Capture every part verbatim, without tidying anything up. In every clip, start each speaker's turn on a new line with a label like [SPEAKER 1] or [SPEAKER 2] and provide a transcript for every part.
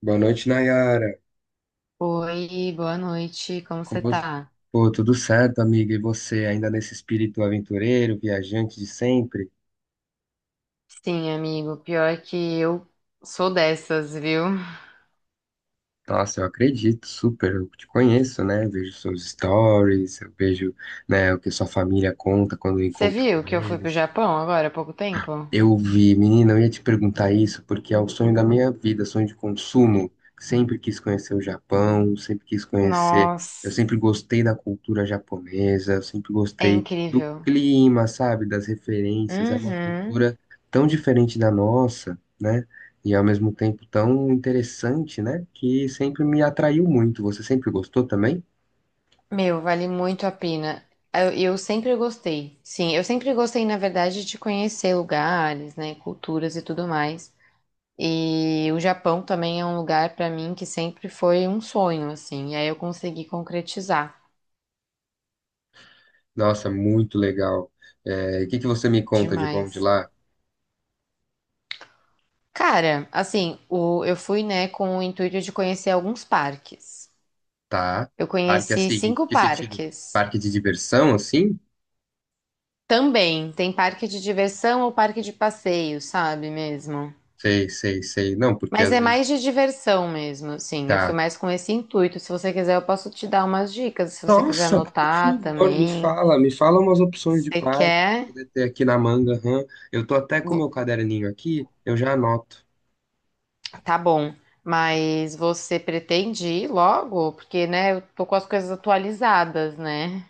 [SPEAKER 1] Boa noite, Nayara.
[SPEAKER 2] Oi, boa noite, como
[SPEAKER 1] Como
[SPEAKER 2] você
[SPEAKER 1] você...
[SPEAKER 2] tá?
[SPEAKER 1] Pô, tudo certo, amiga? E você, ainda nesse espírito aventureiro, viajante de sempre?
[SPEAKER 2] Sim, amigo, pior que eu sou dessas, viu?
[SPEAKER 1] Nossa, eu acredito, super. Eu te conheço, né? Vejo seus stories, eu vejo, né, o que sua família conta quando eu
[SPEAKER 2] Você
[SPEAKER 1] encontro
[SPEAKER 2] viu
[SPEAKER 1] com
[SPEAKER 2] que eu fui pro
[SPEAKER 1] eles.
[SPEAKER 2] Japão agora há pouco tempo?
[SPEAKER 1] Eu vi, menina, eu ia te perguntar isso porque é o sonho da minha vida, sonho de consumo. Sempre quis conhecer o Japão, sempre quis conhecer. Eu
[SPEAKER 2] Nossa,
[SPEAKER 1] sempre gostei da cultura japonesa, eu sempre
[SPEAKER 2] é
[SPEAKER 1] gostei do
[SPEAKER 2] incrível.
[SPEAKER 1] clima, sabe? Das referências. É uma
[SPEAKER 2] Uhum.
[SPEAKER 1] cultura tão diferente da nossa, né? E ao mesmo tempo tão interessante, né? Que sempre me atraiu muito. Você sempre gostou também?
[SPEAKER 2] Meu, vale muito a pena. Eu, eu sempre gostei. Sim, eu sempre gostei, na verdade, de conhecer lugares, né, culturas e tudo mais. E o Japão também é um lugar pra mim que sempre foi um sonho, assim. E aí eu consegui concretizar
[SPEAKER 1] Nossa, muito legal. É, o que que você me conta de bom de
[SPEAKER 2] demais.
[SPEAKER 1] lá?
[SPEAKER 2] Cara, assim, o- eu fui, né, com o intuito de conhecer alguns parques.
[SPEAKER 1] Tá.
[SPEAKER 2] Eu
[SPEAKER 1] Parque
[SPEAKER 2] conheci
[SPEAKER 1] assim,
[SPEAKER 2] cinco
[SPEAKER 1] que sentido?
[SPEAKER 2] parques.
[SPEAKER 1] Parque de diversão, assim?
[SPEAKER 2] Também tem parque de diversão ou parque de passeio, sabe mesmo?
[SPEAKER 1] Sei, sei, sei. Não, porque
[SPEAKER 2] Mas
[SPEAKER 1] às
[SPEAKER 2] é
[SPEAKER 1] vezes.
[SPEAKER 2] mais de diversão mesmo, assim. Eu fui
[SPEAKER 1] Tá.
[SPEAKER 2] mais com esse intuito. Se você quiser, eu posso te dar umas dicas. Se você quiser
[SPEAKER 1] Nossa, por
[SPEAKER 2] anotar
[SPEAKER 1] favor, me
[SPEAKER 2] também.
[SPEAKER 1] fala, me fala umas opções
[SPEAKER 2] Se
[SPEAKER 1] de
[SPEAKER 2] você
[SPEAKER 1] parque para
[SPEAKER 2] quer,
[SPEAKER 1] poder ter aqui na manga. Hã? Eu tô até com
[SPEAKER 2] vo-
[SPEAKER 1] meu caderninho aqui, eu já anoto.
[SPEAKER 2] tá bom. Mas você pretende ir logo? Porque, né, eu tô com as coisas atualizadas, né?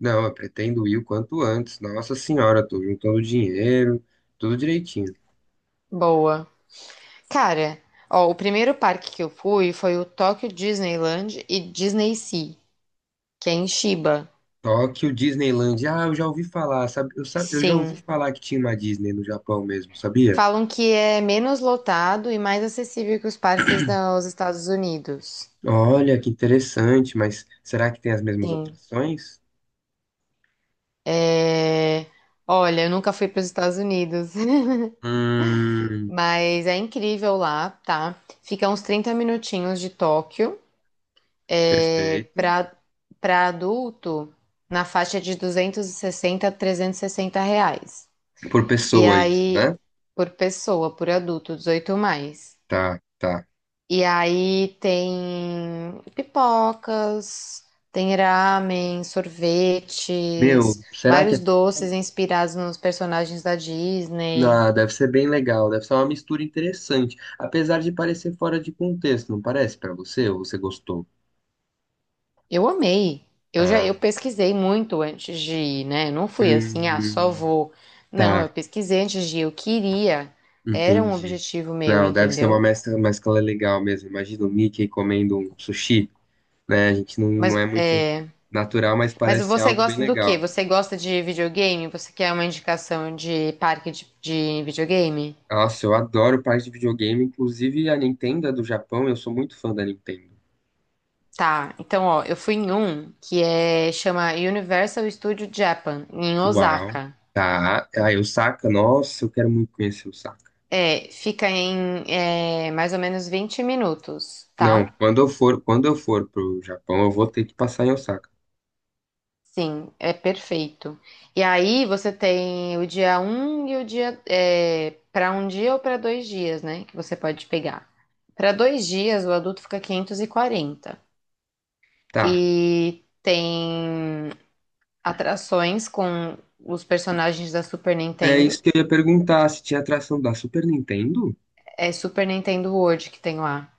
[SPEAKER 1] Não, eu pretendo ir o quanto antes. Nossa senhora, tô juntando dinheiro, tudo direitinho.
[SPEAKER 2] Boa. Cara, ó, o primeiro parque que eu fui foi o Tokyo Disneyland e Disney Sea, que é em Chiba.
[SPEAKER 1] Tóquio, Disneyland. Ah, eu já ouvi falar, sabe? Eu, sa- eu já ouvi
[SPEAKER 2] Sim.
[SPEAKER 1] falar que tinha uma Disney no Japão mesmo, sabia?
[SPEAKER 2] Falam que é menos lotado e mais acessível que os parques dos Estados Unidos.
[SPEAKER 1] Olha, que interessante, mas será que tem as mesmas
[SPEAKER 2] Sim.
[SPEAKER 1] atrações?
[SPEAKER 2] É, Olha, eu nunca fui para os Estados Unidos,
[SPEAKER 1] Hum,
[SPEAKER 2] mas é incrível lá, tá? Fica uns trinta minutinhos de Tóquio. É...
[SPEAKER 1] perfeito.
[SPEAKER 2] Para para adulto, na faixa de duzentos e sessenta a trezentos e sessenta reais.
[SPEAKER 1] Por
[SPEAKER 2] E
[SPEAKER 1] pessoa isso,
[SPEAKER 2] aí,
[SPEAKER 1] né?
[SPEAKER 2] por pessoa, por adulto, dezoito mais.
[SPEAKER 1] Tá, tá.
[SPEAKER 2] E aí tem pipocas, tem ramen,
[SPEAKER 1] Meu,
[SPEAKER 2] sorvetes,
[SPEAKER 1] será que é...
[SPEAKER 2] vários
[SPEAKER 1] fa-
[SPEAKER 2] doces inspirados nos personagens da Disney.
[SPEAKER 1] Ah, deve ser bem legal, deve ser uma mistura interessante, apesar de parecer fora de contexto, não parece pra você? Ou você gostou?
[SPEAKER 2] Eu amei. Eu já eu
[SPEAKER 1] Ah,
[SPEAKER 2] pesquisei muito antes de ir, né? Eu não fui assim, ah, só
[SPEAKER 1] hum,
[SPEAKER 2] vou. Não, eu
[SPEAKER 1] tá,
[SPEAKER 2] pesquisei antes de ir, eu queria. Era um
[SPEAKER 1] entendi.
[SPEAKER 2] objetivo meu,
[SPEAKER 1] Não, deve ser uma
[SPEAKER 2] entendeu?
[SPEAKER 1] mescla, mescla legal mesmo. Imagina o Mickey comendo um sushi, né? A gente não,
[SPEAKER 2] Mas
[SPEAKER 1] não é muito
[SPEAKER 2] é.
[SPEAKER 1] natural, mas
[SPEAKER 2] Mas
[SPEAKER 1] parece
[SPEAKER 2] você
[SPEAKER 1] algo bem
[SPEAKER 2] gosta do quê?
[SPEAKER 1] legal.
[SPEAKER 2] Você gosta de videogame? Você quer uma indicação de parque de, de videogame?
[SPEAKER 1] Nossa, eu adoro parte de videogame, inclusive a Nintendo é do Japão, eu sou muito fã da Nintendo.
[SPEAKER 2] Tá, então ó, eu fui em um que é chama Universal Studio Japan, em
[SPEAKER 1] Uau,
[SPEAKER 2] Osaka.
[SPEAKER 1] tá. Aí o Saka, nossa, eu quero muito conhecer o Saka.
[SPEAKER 2] É, fica em é, mais ou menos vinte minutos,
[SPEAKER 1] Não,
[SPEAKER 2] tá?
[SPEAKER 1] quando eu for, quando eu for pro Japão, eu vou ter que passar em Osaka.
[SPEAKER 2] Sim, é perfeito. E aí você tem o dia um e o dia é, para um dia ou para dois dias, né? Que você pode pegar. Para dois dias, o adulto fica quinhentos e quarenta.
[SPEAKER 1] Tá.
[SPEAKER 2] E tem atrações com os personagens da Super
[SPEAKER 1] É
[SPEAKER 2] Nintendo.
[SPEAKER 1] isso que eu ia perguntar, se tinha atração da Super Nintendo?
[SPEAKER 2] É Super Nintendo World que tem lá.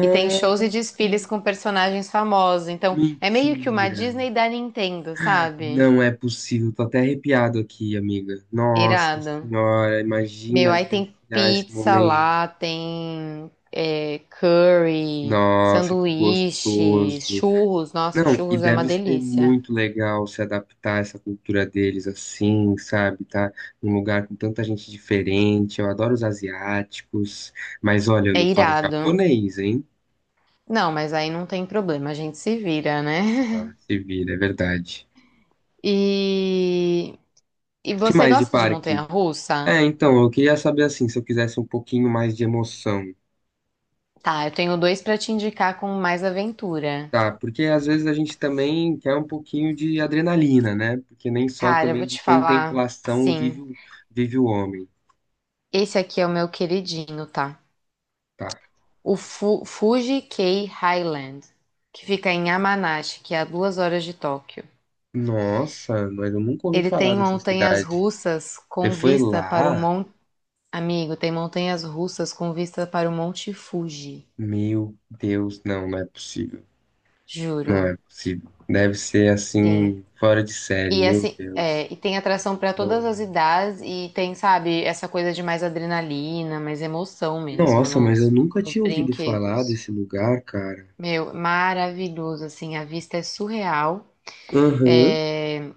[SPEAKER 2] E tem shows e desfiles com personagens famosos. Então, é meio que uma
[SPEAKER 1] mentira.
[SPEAKER 2] Disney da Nintendo, sabe?
[SPEAKER 1] Não é possível, tô até arrepiado aqui, amiga. Nossa
[SPEAKER 2] Irado.
[SPEAKER 1] senhora,
[SPEAKER 2] Meu,
[SPEAKER 1] imagina
[SPEAKER 2] aí tem
[SPEAKER 1] vivenciar esse
[SPEAKER 2] pizza
[SPEAKER 1] momento.
[SPEAKER 2] lá, tem é, curry,
[SPEAKER 1] Nossa, que
[SPEAKER 2] sanduíche,
[SPEAKER 1] gostoso.
[SPEAKER 2] churros. Nossa,
[SPEAKER 1] Não, e
[SPEAKER 2] churros é uma
[SPEAKER 1] deve ser
[SPEAKER 2] delícia.
[SPEAKER 1] muito legal se adaptar a essa cultura deles assim, sabe? Tá num lugar com tanta gente diferente. Eu adoro os asiáticos, mas olha, eu
[SPEAKER 2] É
[SPEAKER 1] não falo
[SPEAKER 2] irado.
[SPEAKER 1] japonês, hein?
[SPEAKER 2] Não, mas aí não tem problema, a gente se vira, né?
[SPEAKER 1] Ah, se vira, é verdade.
[SPEAKER 2] E, e
[SPEAKER 1] Que
[SPEAKER 2] você
[SPEAKER 1] mais de
[SPEAKER 2] gosta de
[SPEAKER 1] parque?
[SPEAKER 2] montanha-russa?
[SPEAKER 1] É, então, eu queria saber assim, se eu quisesse um pouquinho mais de emoção,
[SPEAKER 2] Tá, eu tenho dois pra te indicar com mais aventura.
[SPEAKER 1] tá? Porque às vezes a gente também quer um pouquinho de adrenalina, né? Porque nem só
[SPEAKER 2] Cara, eu
[SPEAKER 1] também
[SPEAKER 2] vou
[SPEAKER 1] de
[SPEAKER 2] te falar,
[SPEAKER 1] contemplação vive
[SPEAKER 2] sim.
[SPEAKER 1] o, vive o homem,
[SPEAKER 2] Esse aqui é o meu queridinho, tá?
[SPEAKER 1] tá?
[SPEAKER 2] O Fu Fuji K Highland, que fica em Yamanashi, que é a duas horas de Tóquio.
[SPEAKER 1] Nossa, mas eu nunca ouvi
[SPEAKER 2] Ele
[SPEAKER 1] falar
[SPEAKER 2] tem
[SPEAKER 1] dessa
[SPEAKER 2] montanhas
[SPEAKER 1] cidade.
[SPEAKER 2] russas
[SPEAKER 1] Você
[SPEAKER 2] com
[SPEAKER 1] foi
[SPEAKER 2] vista para o
[SPEAKER 1] lá?
[SPEAKER 2] Monte. Amigo, tem montanhas russas com vista para o Monte Fuji.
[SPEAKER 1] Meu Deus, não, não é possível. Não
[SPEAKER 2] Juro.
[SPEAKER 1] é possível. Deve ser
[SPEAKER 2] Sim.
[SPEAKER 1] assim, fora de série,
[SPEAKER 2] E
[SPEAKER 1] meu
[SPEAKER 2] assim,
[SPEAKER 1] Deus.
[SPEAKER 2] é, e tem atração pra todas
[SPEAKER 1] Não.
[SPEAKER 2] as idades e tem, sabe, essa coisa de mais adrenalina, mais emoção mesmo
[SPEAKER 1] Nossa, mas eu
[SPEAKER 2] nos,
[SPEAKER 1] nunca
[SPEAKER 2] nos
[SPEAKER 1] tinha ouvido falar
[SPEAKER 2] brinquedos.
[SPEAKER 1] desse lugar, cara.
[SPEAKER 2] Meu, maravilhoso, assim, a vista é surreal.
[SPEAKER 1] Aham,
[SPEAKER 2] É,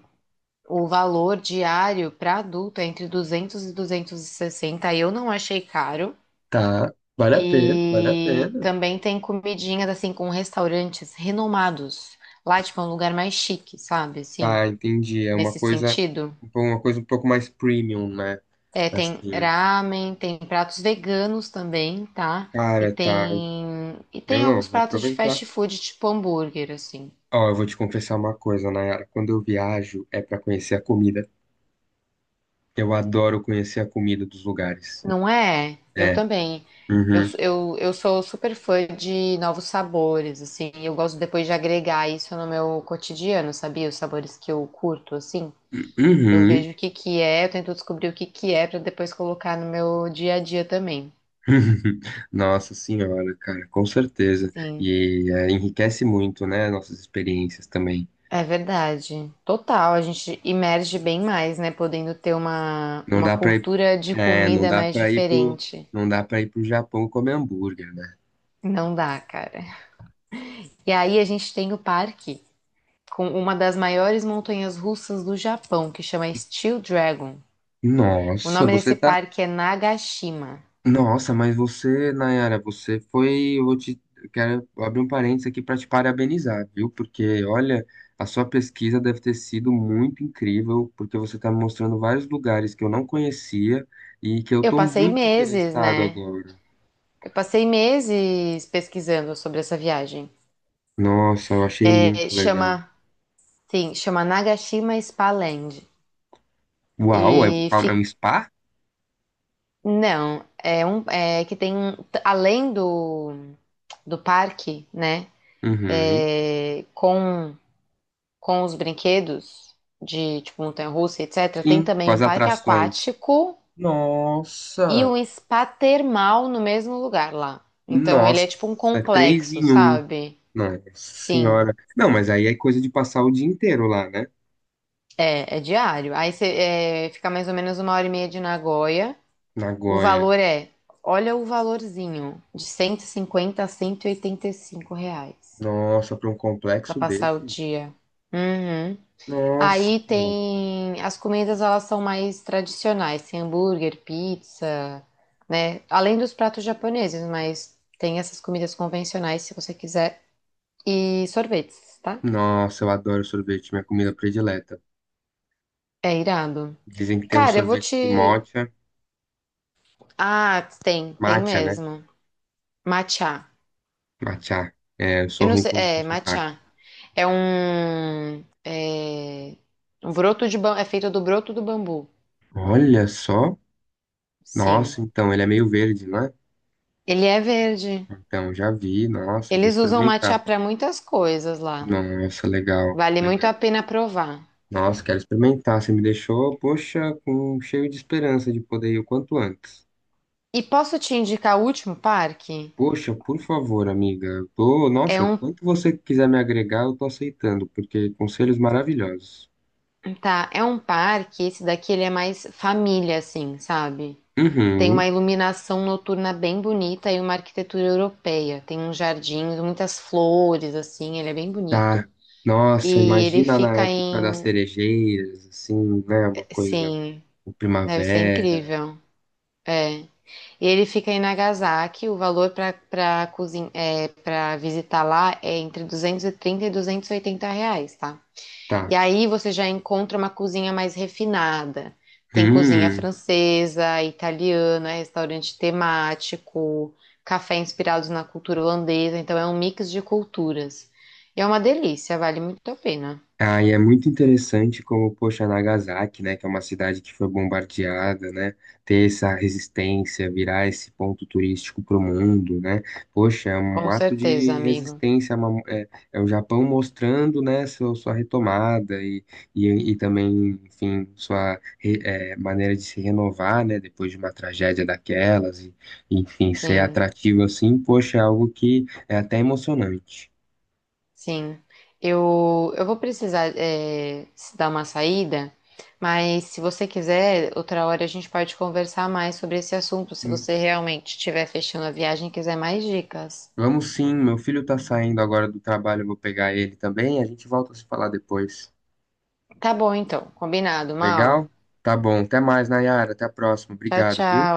[SPEAKER 2] o valor diário para adulto é entre duzentos e duzentos e sessenta, eu não achei caro.
[SPEAKER 1] tá. Vale a pena, vale a
[SPEAKER 2] E
[SPEAKER 1] pena.
[SPEAKER 2] também tem comidinhas, assim, com restaurantes renomados. Lá, tipo, é um lugar mais chique, sabe, assim,
[SPEAKER 1] Tá, entendi. É uma
[SPEAKER 2] nesse
[SPEAKER 1] coisa,
[SPEAKER 2] sentido.
[SPEAKER 1] uma coisa um pouco mais premium, né?
[SPEAKER 2] É, tem
[SPEAKER 1] Assim,
[SPEAKER 2] ramen, tem pratos veganos também, tá? E
[SPEAKER 1] cara, tá.
[SPEAKER 2] tem e
[SPEAKER 1] Eu
[SPEAKER 2] tem
[SPEAKER 1] não,
[SPEAKER 2] alguns
[SPEAKER 1] vou
[SPEAKER 2] pratos de
[SPEAKER 1] aproveitar.
[SPEAKER 2] fast food, tipo hambúrguer, assim.
[SPEAKER 1] Ó, eu vou te confessar uma coisa, Nayara. Quando eu viajo, é pra conhecer a comida. Eu adoro conhecer a comida dos lugares.
[SPEAKER 2] Não é? Eu
[SPEAKER 1] É.
[SPEAKER 2] também. Eu,
[SPEAKER 1] Uhum.
[SPEAKER 2] sou- eu, eu sou super fã de novos sabores, assim. Eu gosto depois de agregar isso no meu cotidiano, sabia? Os sabores que eu curto, assim. Eu
[SPEAKER 1] Uhum.
[SPEAKER 2] vejo o que que é, eu tento descobrir o que que é para depois colocar no meu dia a dia também.
[SPEAKER 1] Nossa senhora, cara, com certeza.
[SPEAKER 2] Sim.
[SPEAKER 1] E é, enriquece muito, né, nossas experiências também.
[SPEAKER 2] É verdade. Total, a gente emerge bem mais, né? Podendo ter uma,
[SPEAKER 1] Não
[SPEAKER 2] uma
[SPEAKER 1] dá pra ir,
[SPEAKER 2] cultura de
[SPEAKER 1] é, não
[SPEAKER 2] comida
[SPEAKER 1] dá
[SPEAKER 2] mais
[SPEAKER 1] para ir pro,
[SPEAKER 2] diferente.
[SPEAKER 1] não dá para ir pro Japão comer hambúrguer, né?
[SPEAKER 2] Não dá, cara. E aí a gente tem o parque com uma das maiores montanhas russas do Japão, que chama Steel Dragon. O
[SPEAKER 1] Nossa,
[SPEAKER 2] nome
[SPEAKER 1] você
[SPEAKER 2] desse
[SPEAKER 1] tá.
[SPEAKER 2] parque é Nagashima.
[SPEAKER 1] Nossa, mas você, Nayara, você foi. Eu vou te. Eu quero abrir um parênteses aqui para te parabenizar, viu? Porque, olha, a sua pesquisa deve ter sido muito incrível, porque você está me mostrando vários lugares que eu não conhecia e que eu
[SPEAKER 2] Eu
[SPEAKER 1] estou
[SPEAKER 2] passei
[SPEAKER 1] muito
[SPEAKER 2] meses,
[SPEAKER 1] interessado
[SPEAKER 2] né?
[SPEAKER 1] agora.
[SPEAKER 2] Eu passei meses pesquisando sobre essa viagem.
[SPEAKER 1] Nossa, eu achei muito
[SPEAKER 2] É, chama,
[SPEAKER 1] legal.
[SPEAKER 2] sim, chama Nagashima Spa Land.
[SPEAKER 1] Uau, é,
[SPEAKER 2] E
[SPEAKER 1] é
[SPEAKER 2] fi-
[SPEAKER 1] um spa?
[SPEAKER 2] Não, é um é que tem t- além do, do parque, né?
[SPEAKER 1] Uhum.
[SPEAKER 2] É, com com os brinquedos de tipo montanha-russa, etcétera. Tem
[SPEAKER 1] Sim, com
[SPEAKER 2] também
[SPEAKER 1] as
[SPEAKER 2] um parque
[SPEAKER 1] atrações.
[SPEAKER 2] aquático e
[SPEAKER 1] Nossa!
[SPEAKER 2] um spa termal no mesmo lugar lá. Então ele é
[SPEAKER 1] Nossa,
[SPEAKER 2] tipo um
[SPEAKER 1] é três
[SPEAKER 2] complexo,
[SPEAKER 1] em um.
[SPEAKER 2] sabe?
[SPEAKER 1] Nossa
[SPEAKER 2] Sim,
[SPEAKER 1] senhora. Não, mas aí é coisa de passar o dia inteiro lá, né?
[SPEAKER 2] é, é diário. Aí você é, fica mais ou menos uma hora e meia de Nagoya. O
[SPEAKER 1] Nagoya.
[SPEAKER 2] valor é, olha o valorzinho, de cento e cinquenta a cento e e oitenta e cinco reais.
[SPEAKER 1] Nossa, pra um
[SPEAKER 2] Pra
[SPEAKER 1] complexo
[SPEAKER 2] passar o
[SPEAKER 1] desse.
[SPEAKER 2] dia. Uhum.
[SPEAKER 1] Nossa.
[SPEAKER 2] Aí tem as comidas, elas são mais tradicionais, tem hambúrguer, pizza, né? Além dos pratos japoneses, mas tem essas comidas convencionais se você quiser e sorvetes, tá?
[SPEAKER 1] Nossa, eu adoro sorvete, minha comida predileta.
[SPEAKER 2] É irado.
[SPEAKER 1] Dizem que tem um
[SPEAKER 2] Cara, eu vou
[SPEAKER 1] sorvete de
[SPEAKER 2] te
[SPEAKER 1] matcha.
[SPEAKER 2] Ah, tem, tem
[SPEAKER 1] Matcha, né?
[SPEAKER 2] mesmo. Matcha.
[SPEAKER 1] Matcha. É, eu sou
[SPEAKER 2] Eu não
[SPEAKER 1] ruim
[SPEAKER 2] sei,
[SPEAKER 1] com, com
[SPEAKER 2] é,
[SPEAKER 1] sotaque.
[SPEAKER 2] matcha. É um é um broto de ba... é feito do broto do bambu.
[SPEAKER 1] Olha só.
[SPEAKER 2] Sim.
[SPEAKER 1] Nossa, então, ele é meio verde, não é?
[SPEAKER 2] Ele é verde.
[SPEAKER 1] Então, já vi. Nossa, eu vou
[SPEAKER 2] Eles usam matcha
[SPEAKER 1] experimentar.
[SPEAKER 2] para muitas coisas lá.
[SPEAKER 1] Nossa, legal,
[SPEAKER 2] Vale muito
[SPEAKER 1] legal.
[SPEAKER 2] a pena provar.
[SPEAKER 1] Nossa, quero experimentar. Você me deixou, poxa, com, cheio de esperança de poder ir o quanto antes.
[SPEAKER 2] E posso te indicar o último parque?
[SPEAKER 1] Poxa, por favor, amiga. Eu tô,
[SPEAKER 2] É
[SPEAKER 1] nossa,
[SPEAKER 2] um,
[SPEAKER 1] quanto você quiser me agregar, eu tô aceitando, porque conselhos maravilhosos.
[SPEAKER 2] tá, é um parque, esse daqui ele é mais família assim, sabe? Tem uma
[SPEAKER 1] Uhum,
[SPEAKER 2] iluminação noturna bem bonita e uma arquitetura europeia. Tem uns jardins, muitas flores assim, ele é bem bonito.
[SPEAKER 1] tá. Nossa,
[SPEAKER 2] E ele
[SPEAKER 1] imagina na
[SPEAKER 2] fica
[SPEAKER 1] época das
[SPEAKER 2] em,
[SPEAKER 1] cerejeiras, assim, né? Uma coisa,
[SPEAKER 2] sim,
[SPEAKER 1] o
[SPEAKER 2] deve ser
[SPEAKER 1] primavera.
[SPEAKER 2] incrível. É. Ele fica em Nagasaki. O valor para para cozin... é, para visitar lá é entre duzentos e trinta e duzentos e oitenta reais, tá? E
[SPEAKER 1] Tá.
[SPEAKER 2] aí você já encontra uma cozinha mais refinada. Tem cozinha
[SPEAKER 1] Hum.
[SPEAKER 2] francesa, italiana, restaurante temático, café inspirados na cultura holandesa. Então é um mix de culturas. E é uma delícia, vale muito a pena.
[SPEAKER 1] Ah, e é muito interessante como, poxa, Nagasaki, né, que é uma cidade que foi bombardeada, né, ter essa resistência, virar esse ponto turístico para o mundo, né, poxa, é um
[SPEAKER 2] Com
[SPEAKER 1] ato
[SPEAKER 2] certeza,
[SPEAKER 1] de
[SPEAKER 2] amigo.
[SPEAKER 1] resistência, é, uma- é- é o Japão mostrando, né, seu- sua retomada e, e, e também, enfim, sua re- é, maneira de se renovar, né, depois de uma tragédia daquelas, e, enfim, ser
[SPEAKER 2] Sim.
[SPEAKER 1] atrativo assim, poxa, é algo que é até emocionante.
[SPEAKER 2] Sim, eu, eu vou precisar é, se dar uma saída, mas se você quiser, outra hora a gente pode conversar mais sobre esse assunto, se você realmente estiver fechando a viagem
[SPEAKER 1] Vamos sim, meu filho tá saindo agora do trabalho, eu vou pegar ele também, a gente volta a se falar depois. Legal? Tá bom, até mais, Nayara, até a próxima. Obrigado, viu?